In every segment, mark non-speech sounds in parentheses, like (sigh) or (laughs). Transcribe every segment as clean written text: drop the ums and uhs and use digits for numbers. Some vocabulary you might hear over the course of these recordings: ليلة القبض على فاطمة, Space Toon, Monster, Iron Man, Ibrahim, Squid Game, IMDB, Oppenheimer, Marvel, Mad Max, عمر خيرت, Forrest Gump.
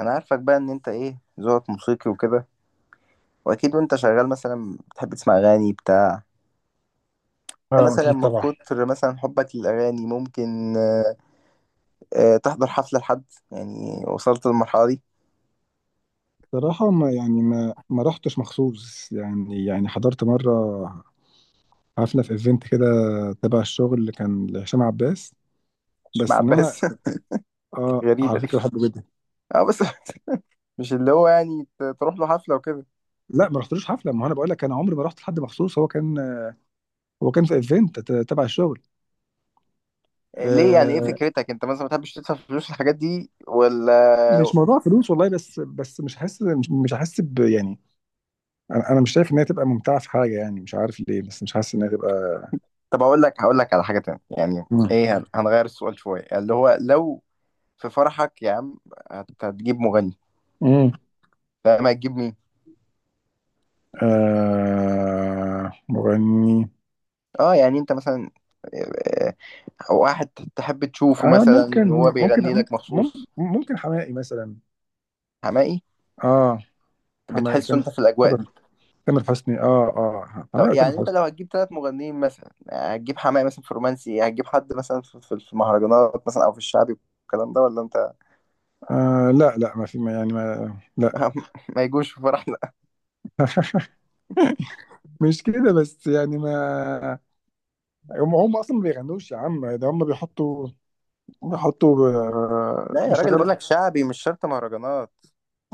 انا عارفك بقى ان انت ايه ذوقك موسيقي وكده. واكيد وانت شغال مثلا بتحب تسمع اغاني بتاع. أنت اه مثلا اكيد من طبعا. كتر مثلا حبك للاغاني ممكن تحضر حفلة لحد، يعني وصلت للمرحلة دي. صراحة، ما يعني ما رحتش مخصوص، يعني حضرت مرة حفلة في ايفنت كده تبع الشغل اللي كان لهشام عباس. مش مع بس ان انا، عباس. (laughs) اه غريبة على فكرة دي. بحبه جدا. اه بس (laughs) مش اللي هو يعني تروح له حفلة وكده. لا، ما رحتلوش حفلة، ما هو انا بقول لك، انا عمري ما رحت لحد مخصوص. هو كان في ايفنت، تبع الشغل. ليه يعني؟ ايه آه. فكرتك انت مثلا؟ ما بتحبش تدفع فلوس الحاجات دي ولا؟ مش موضوع فلوس والله، بس مش حاسس، مش حاسس ب، يعني انا مش شايف ان هي تبقى ممتعة في حاجة. يعني مش عارف ليه، بس مش حاسس ان هي تبقى. طب اقول لك، هقول لك على حاجة تانية يعني. مم. ايه، هنغير السؤال شوية اللي هو لو في فرحك يا عم، هتجيب مغني؟ مم. لا ما هتجيب مين؟ آه، مغني. اه يعني انت مثلا، آه، واحد تحب تشوفه اه، ممكن. مثلا وهو ممكن. بيغني لك مم- مخصوص؟ ممكن حماقي مثلا. حماقي؟ اه. حماقي، بتحسه انت في الاجواء تامر دي؟ تامر حسني، اه، اه. طب حماقي وتامر يعني انت حسني. لو هتجيب 3 مغنيين مثلا، هتجيب حماقي مثلا في الرومانسي، هتجيب حد مثلا في المهرجانات مثلا او في الشعبي والكلام ده ولا انت؟ آه، لا لا، ما في ما يعني ما لا. (laughs) ما يجوش في فرحنا. (laughs) مش كده بس، يعني ما... هم اصلا ما بيغنوش يا عم، ده هم بيحطوا بيحطوا آه، لا يا راجل، بيشغلوا. بقول لك شعبي مش شرط مهرجانات.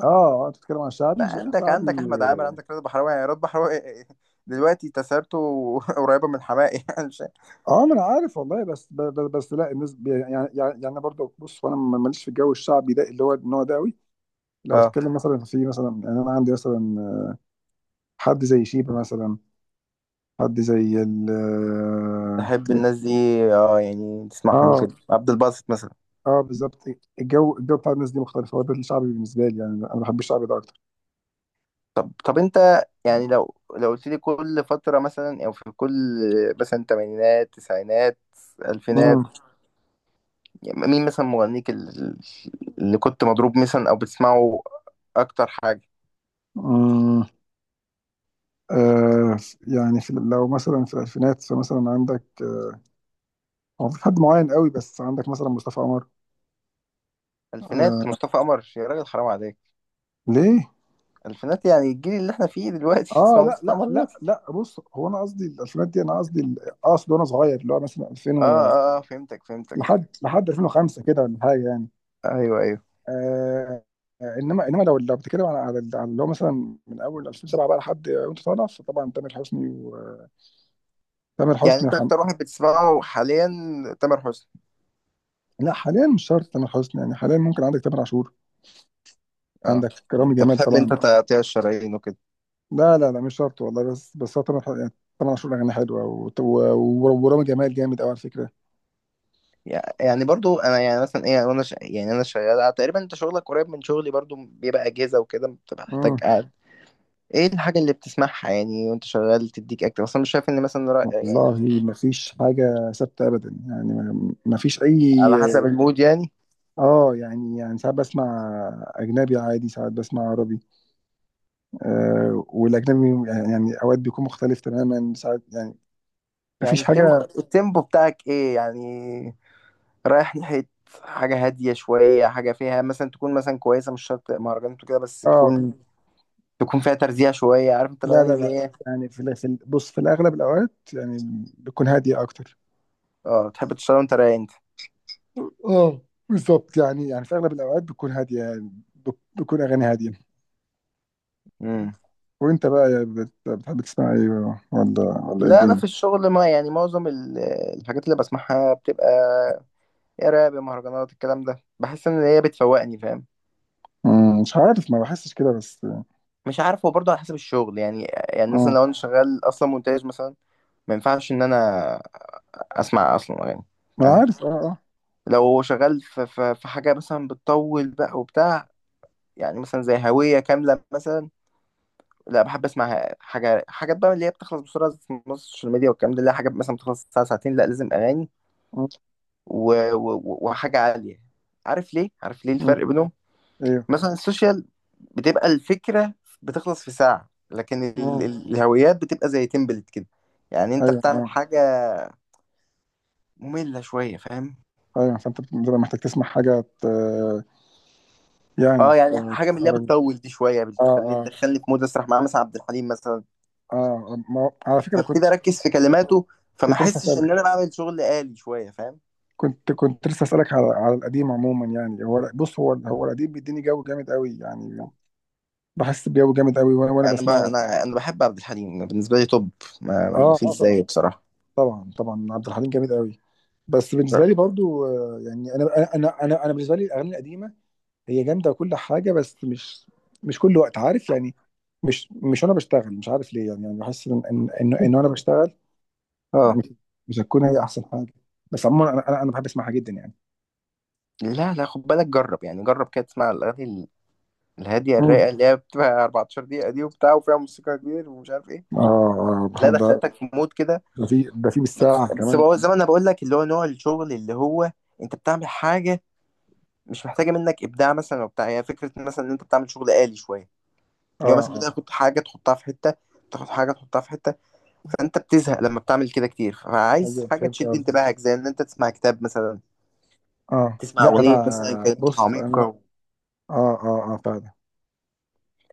اه، آه، انت بتتكلم عن لا شعبي عندك، شعبي؟ عندك احمد عامر، عندك رضا بحراوي، يعني رضا بحراوي دلوقتي تسارته (laughs) قريبه من حماقي (laughs) يعني اه، ما انا عارف والله، بس لا، الناس يعني يعني انا برضه بص، وانا ماليش في الجو الشعبي ده، اللي هو النوع ده قوي. لو اه. تتكلم مثلا في مثلا، يعني انا عندي مثلا حد زي شيبة مثلا، حد زي ال... تحب الناس دي؟ اه يعني تسمعهم اه، وكده؟ عبد الباسط مثلا؟ اه، بالظبط. الجو بتاع الناس دي مختلف، هو ده الشعبي بالنسبه لي. يعني انا بحب الشعبي ده اكتر. طب انت يعني لو قلت لي كل فترة مثلا، او في كل مثلا تمانينات، تسعينات، الفينات، امم يعني مين مثلا مغنيك اللي كنت مضروب مثلا او بتسمعه اكتر حاجة؟ امم آه، يعني في، لو مثلا في الالفينات، فمثلا عندك آه، هو في حد معين قوي، بس عندك مثلا مصطفى عمر. الفينات آه، مصطفى قمر يا راجل حرام عليك! ليه؟ الفينات يعني الجيل اللي احنا فيه دلوقتي، (laughs) اه تسمع لا مصطفى لا قمر لا دلوقتي؟ لا، بص، هو انا قصدي الالفينات دي، انا قصدي اقصد وانا صغير، اللي هو مثلا 2000 و... فهمتك، فهمتك. لحد 2005 كده، ولا حاجه يعني. ايوه، ايوه. آه. آه، انما لو بتتكلم على اللي هو مثلا من اول 2007 بقى لحد وانت طالع، فطبعا تامر حسني وتامر يعني حسني انت اكتر واحد بتسمعه حاليا تامر حسني؟ لا، حاليا مش شرط تامر حسني، يعني حاليا ممكن عندك تامر عاشور، اه، عندك رامي انت جمال بتحب انت طبعا. تقطيع الشرايين وكده. لا لا لا، مش شرط والله، بس هو تامر يعني، تامر عاشور اغاني حلوه، ورامي جمال جامد قوي على فكره. يعني برضو انا يعني مثلا ايه، وانا ش... يعني انا شغال تقريبا، انت شغلك قريب من شغلي، برضو بيبقى اجهزه وكده، بتبقى محتاج مم. قاعد. ايه الحاجه اللي بتسمعها يعني وانت شغال تديك اكتر؟ اصلا مش شايف ان مثلا يعني والله ما فيش حاجه ثابته ابدا، يعني ما فيش اي... على حسب المود يعني. اه، يعني ساعات بسمع اجنبي عادي، ساعات بسمع عربي. آه، والاجنبي يعني اوقات بيكون مختلف تماما، ساعات يعني مفيش يعني حاجه. التيمبو بتاعك ايه يعني؟ رايح ناحيه حاجه هاديه شويه، حاجه فيها مثلا تكون مثلا كويسه، مش شرط مهرجانات وكده، بس اه، تكون، تكون فيها ترزيع شويه، عارف انت لا الاغاني لا اللي لا، هي. يعني بص، في الاغلب الاوقات يعني بتكون هاديه اكتر. اه تحب تشتغل وانت رايق. اه، بالظبط، يعني في اغلب الاوقات بتكون هاديه، يعني بتكون اغاني هاديه. انت. وانت بقى، يا بتحب تسمع ايه بقى؟ ولا إيه لا انا الدنيا؟ في الشغل ما يعني معظم الحاجات اللي بسمعها بتبقى يا راب يا مهرجانات، الكلام ده بحس ان هي بتفوقني، فاهم؟ مم، مش عارف، ما بحسش كده بس. مش عارف، هو برضه على حسب الشغل يعني. يعني مثلا اه، لو انا شغال اصلا مونتاج مثلا، ما ينفعش ان انا اسمع اصلا اغاني، ما أنا فاهم؟ عارف، اه، اه. لو شغال في حاجه مثلا بتطول بقى وبتاع، يعني مثلا زي هويه كامله مثلا، لا بحب اسمع حاجه، حاجات بقى اللي هي بتخلص بسرعه في السوشيال ميديا والكلام ده، اللي هي حاجات مثلا بتخلص ساعه ساعتين، لا لازم اغاني مم، وحاجة عالية. عارف ليه؟ عارف ليه مم، الفرق بينهم؟ ايوه. مثلا السوشيال بتبقى الفكرة بتخلص في ساعة، لكن مم، الهويات بتبقى زي تمبلت كده، يعني انت ايوه، بتعمل اه. حاجة مملة شوية، فاهم؟ ايوه، فانت بتبقى محتاج تسمع حاجه، يعني اه يعني حاجة من اللي هي تخرج. بتطول دي شوية اه، بتخليني، اه، تدخلني في مود اسرح مع مثلا عبد الحليم مثلا، اه، ما هو- على فكرة كنت، فابتدي اركز في كلماته، فما كنت لسه احسش اسألك. ان انا بعمل شغل آلي شوية، فاهم؟ كنت لسه اسألك على القديم عموما. يعني هو، بص، هو القديم بيديني جو جامد قوي، يعني بحس بجو جامد قوي وانا، يعني انا ب... بسمعه. انا انا بحب عبد الحليم، بالنسبة لي توب، ما اه، فيش اه، طبعا. زيه بصراحة. طبعا، طبعا عبد الحليم جامد قوي. بس بالنسبة لي برضو، آه، يعني انا بالنسبة لي الاغاني القديمة هي جامدة وكل حاجة، بس مش، مش كل وقت، عارف يعني. مش وانا بشتغل مش عارف ليه، يعني، بحس إن وانا بشتغل اه. مش، مش هتكون هي احسن حاجة. بس عموما انا بحب اسمعها جدا يعني. لا خد بالك، جرب يعني، جرب كده تسمع الاغاني الهاديه الرايقه مم. اللي هي بتبقى 14 دقيقه دي وبتاع، وفيها موسيقى كبير ومش عارف ايه. اه، اه، لا ده، دخلتك في مود كده. ده في بس بالساعة بس كمان. هو زي ما انا بقول لك اللي هو نوع الشغل اللي هو انت بتعمل حاجه مش محتاجه منك ابداع مثلا وبتاع، هي فكره مثلا ان انت بتعمل شغل آلي شويه، اه، اللي هو مثلا اه، بتاخد حاجه تحطها في حته، بتاخد حاجه تحطها في حته، فانت بتزهق لما بتعمل كده كتير، فعايز ايوه، حاجه فهمت تشد قصدك. انتباهك زي ان انت تسمع كتاب مثلا، اه، تسمع لا اغنيه مثلا انا، كلماتها بص انا... عميقه، اه، اه، اه، فعلا.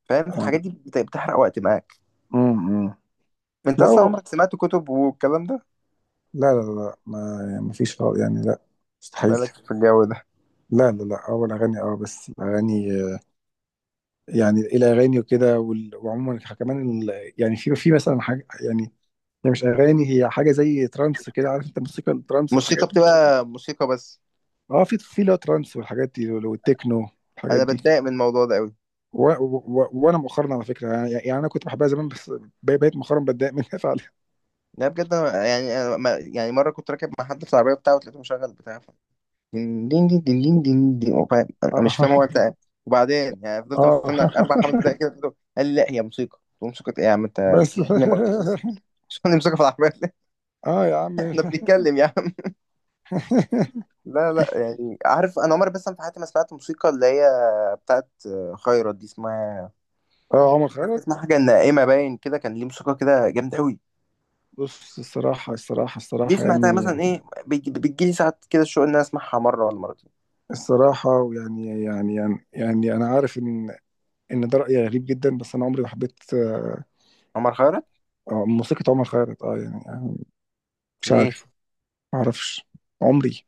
فاهم؟ في آه. الحاجات دي بتحرق وقت معاك. مم، مم. انت لا، اصلا عمرك سمعت كتب والكلام ده؟ لا لا لا، ما يعني ما فيش خالص يعني، لا، مستحيل. مالك في الجو ده؟ لا لا لا، اول اغاني، اه، بس الاغاني آه، يعني الاغاني وكده وعموما كمان يعني في مثلا حاجه، يعني هي مش اغاني، هي حاجه زي ترانس كده. عارف انت موسيقى الترانس والحاجات موسيقى دي؟ بتبقى موسيقى بس. اه، في في لا، ترانس والحاجات دي، والتكنو والحاجات انا دي. بتضايق من الموضوع ده قوي. وانا مؤخرا على فكره، يعني انا كنت بحبها زمان، بس بقيت مؤخرا بتضايق منها فعلا. لا بجد، أنا يعني أنا يعني مره كنت راكب مع حد في العربيه بتاعه وتلاقيته مشغل بتاع دين دين دين دين دين دين دين، انا اه، مش فاهم هو بتاع إيه. وبعدين يعني فضلت اه. مستنى اربع خمس (laughs) دقايق كده، قال لي لا هي موسيقى، قلت له موسيقى ايه يا عم؟ انت بس. تخليني مغناطيسي، مش فاهم موسيقى في العربيه. اه، يا عم. (laughs) احنا (laughs) بنتكلم يا عم. لا لا، يعني عارف، انا عمري بس في حياتي ما سمعت موسيقى اللي هي بتاعت خيرت دي اسمها، اه، عمر عارف خيرك. اسمها؟ حاجه نائمه باين كده، كان ليه موسيقى كده جامده قوي. بص، دي الصراحه سمعتها يعني، مثلا، ايه بيجي بتجيلي ساعات كده الشوق ان انا اسمعها مره ولا مرتين. الصراحه، ويعني انا عارف ان، ان ده راي غريب جدا، بس انا عمري ما حبيت آه، عمر خيرت؟ آه، موسيقى عمر خيرت. اه، يعني، يعني مش ليه؟ عارف، ما اعرفش. عمري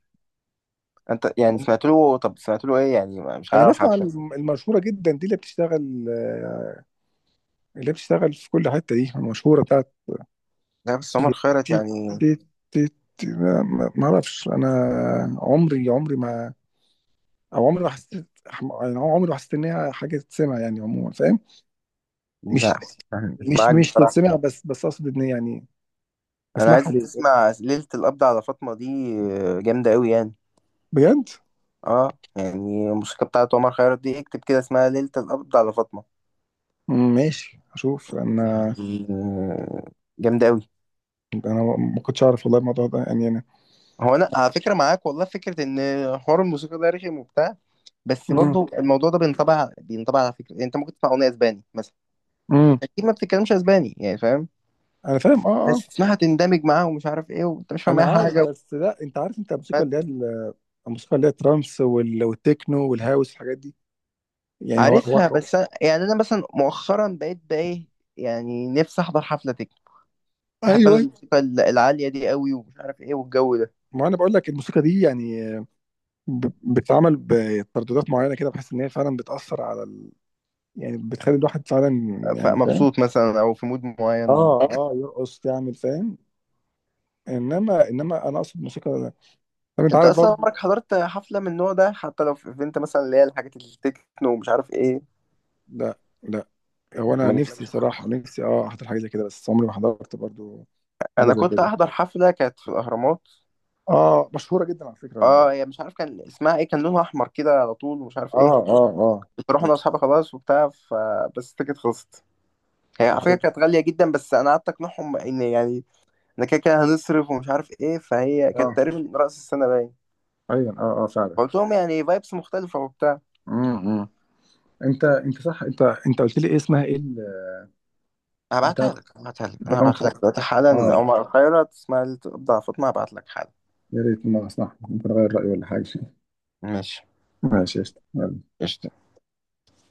انت يعني سمعت له؟ طب سمعت له ايه يعني؟ مش انا عارف بسمع حتى. المشهوره جدا دي، اللي بتشتغل آه، اللي بتشتغل في كل حتة دي، المشهورة بتاعت، مم. لا بس عمر تي- خيرت يعني. تي- تي- لا، ما اعرفش انا. عمري ما، او عمري ما حسيت يعني، عمري ما حسيت ان هي حاجة تتسمع يعني عموما، فاهم. مش، لا يعني مش مش معاك مش بصراحه. تتسمع، بس اقصد ان يعني، انا عايز اسمعها ليه؟ تسمع ليله القبض على فاطمه دي، جامده قوي يعني. بجد. اه يعني الموسيقى بتاعت عمر خيرت دي، اكتب كده اسمها ليله القبض على فاطمه، مم، ماشي، اشوف انا. يعني جامده قوي. انا ما كنتش اعرف والله الموضوع ده، يعني انا... هو انا على فكره معاك والله، فكره ان حوار الموسيقى ده رخم وبتاع، بس مم. برضو الموضوع ده بينطبع على فكره، يعني انت ممكن تسمع اغنيه اسباني مثلا، مم. انت اكيد ما بتتكلمش اسباني يعني، فاهم؟ انا فاهم، اه، اه. بس تسمعها تندمج معاها ومش عارف ايه، وانت مش فاهم انا اي عارف، حاجه. بس لا، انت عارف، انت الموسيقى اللي هي الموسيقى اللي هي الترانس، والتكنو والهاوس والحاجات دي، يعني هو عارفها، هو بس أنا يعني انا مثلا مؤخرا بقيت بقى ايه، يعني نفسي احضر حفله تكنو. بحب انا ايوه، الموسيقى العاليه دي قوي ومش عارف ايه، والجو ده ما انا بقول لك، الموسيقى دي يعني بتتعمل بترددات معينه كده، بحس ان هي فعلا بتاثر على ال... يعني بتخلي الواحد فعلا، يعني فاهم. فمبسوط مثلا او في مود معين، اه، آه. اه، يرقص، تعمل، فاهم. انما انا اقصد موسيقى. طب انت انت عارف اصلا برضو. عمرك حضرت حفله من النوع ده، حتى لو في ايفنت مثلا، اللي هي الحاجات التكنو ومش عارف ايه؟ لا لا، هو انا ما نفسي جيتلكش صراحه، الفرصة؟ نفسي اه احضر حاجه زي كده، بس عمري ما حضرت برضو حاجه انا زي كنت كده. احضر حفلة كانت في الاهرامات. اه، مشهوره جدا على فكره ال... اه، هي مش عارف كان اسمها ايه، كان لونها احمر كده على طول ومش عارف اه، ايه. اه، اه، كنت اروح انا واصحابي خلاص وبتاع، ف بس التيكت خلصت، هي على فكرة اه، كانت غالية جدا، بس انا قعدت اقنعهم ان يعني انا كده كده هنصرف ومش عارف ايه، فهي كانت آه، تقريبا رأس السنة باين. ايوه، اه، اه، فعلا. قلت لهم يعني فايبس مختلفة وبتاع. إمم. انت، انت قلت لي ايه، اسمها ايه؟ بتاع هبعتها لك بتاع انا رقم هبعتها لك خمسة. دلوقتي حالا. اه. عمر الخيرت اسمها الابداع فاطمة، هبعت لك حالا. يا ريت، ما صح، ممكن اغير رايي ولا حاجه. ماشي، (laughs) ماشي، قشطة. يلا. قشطة.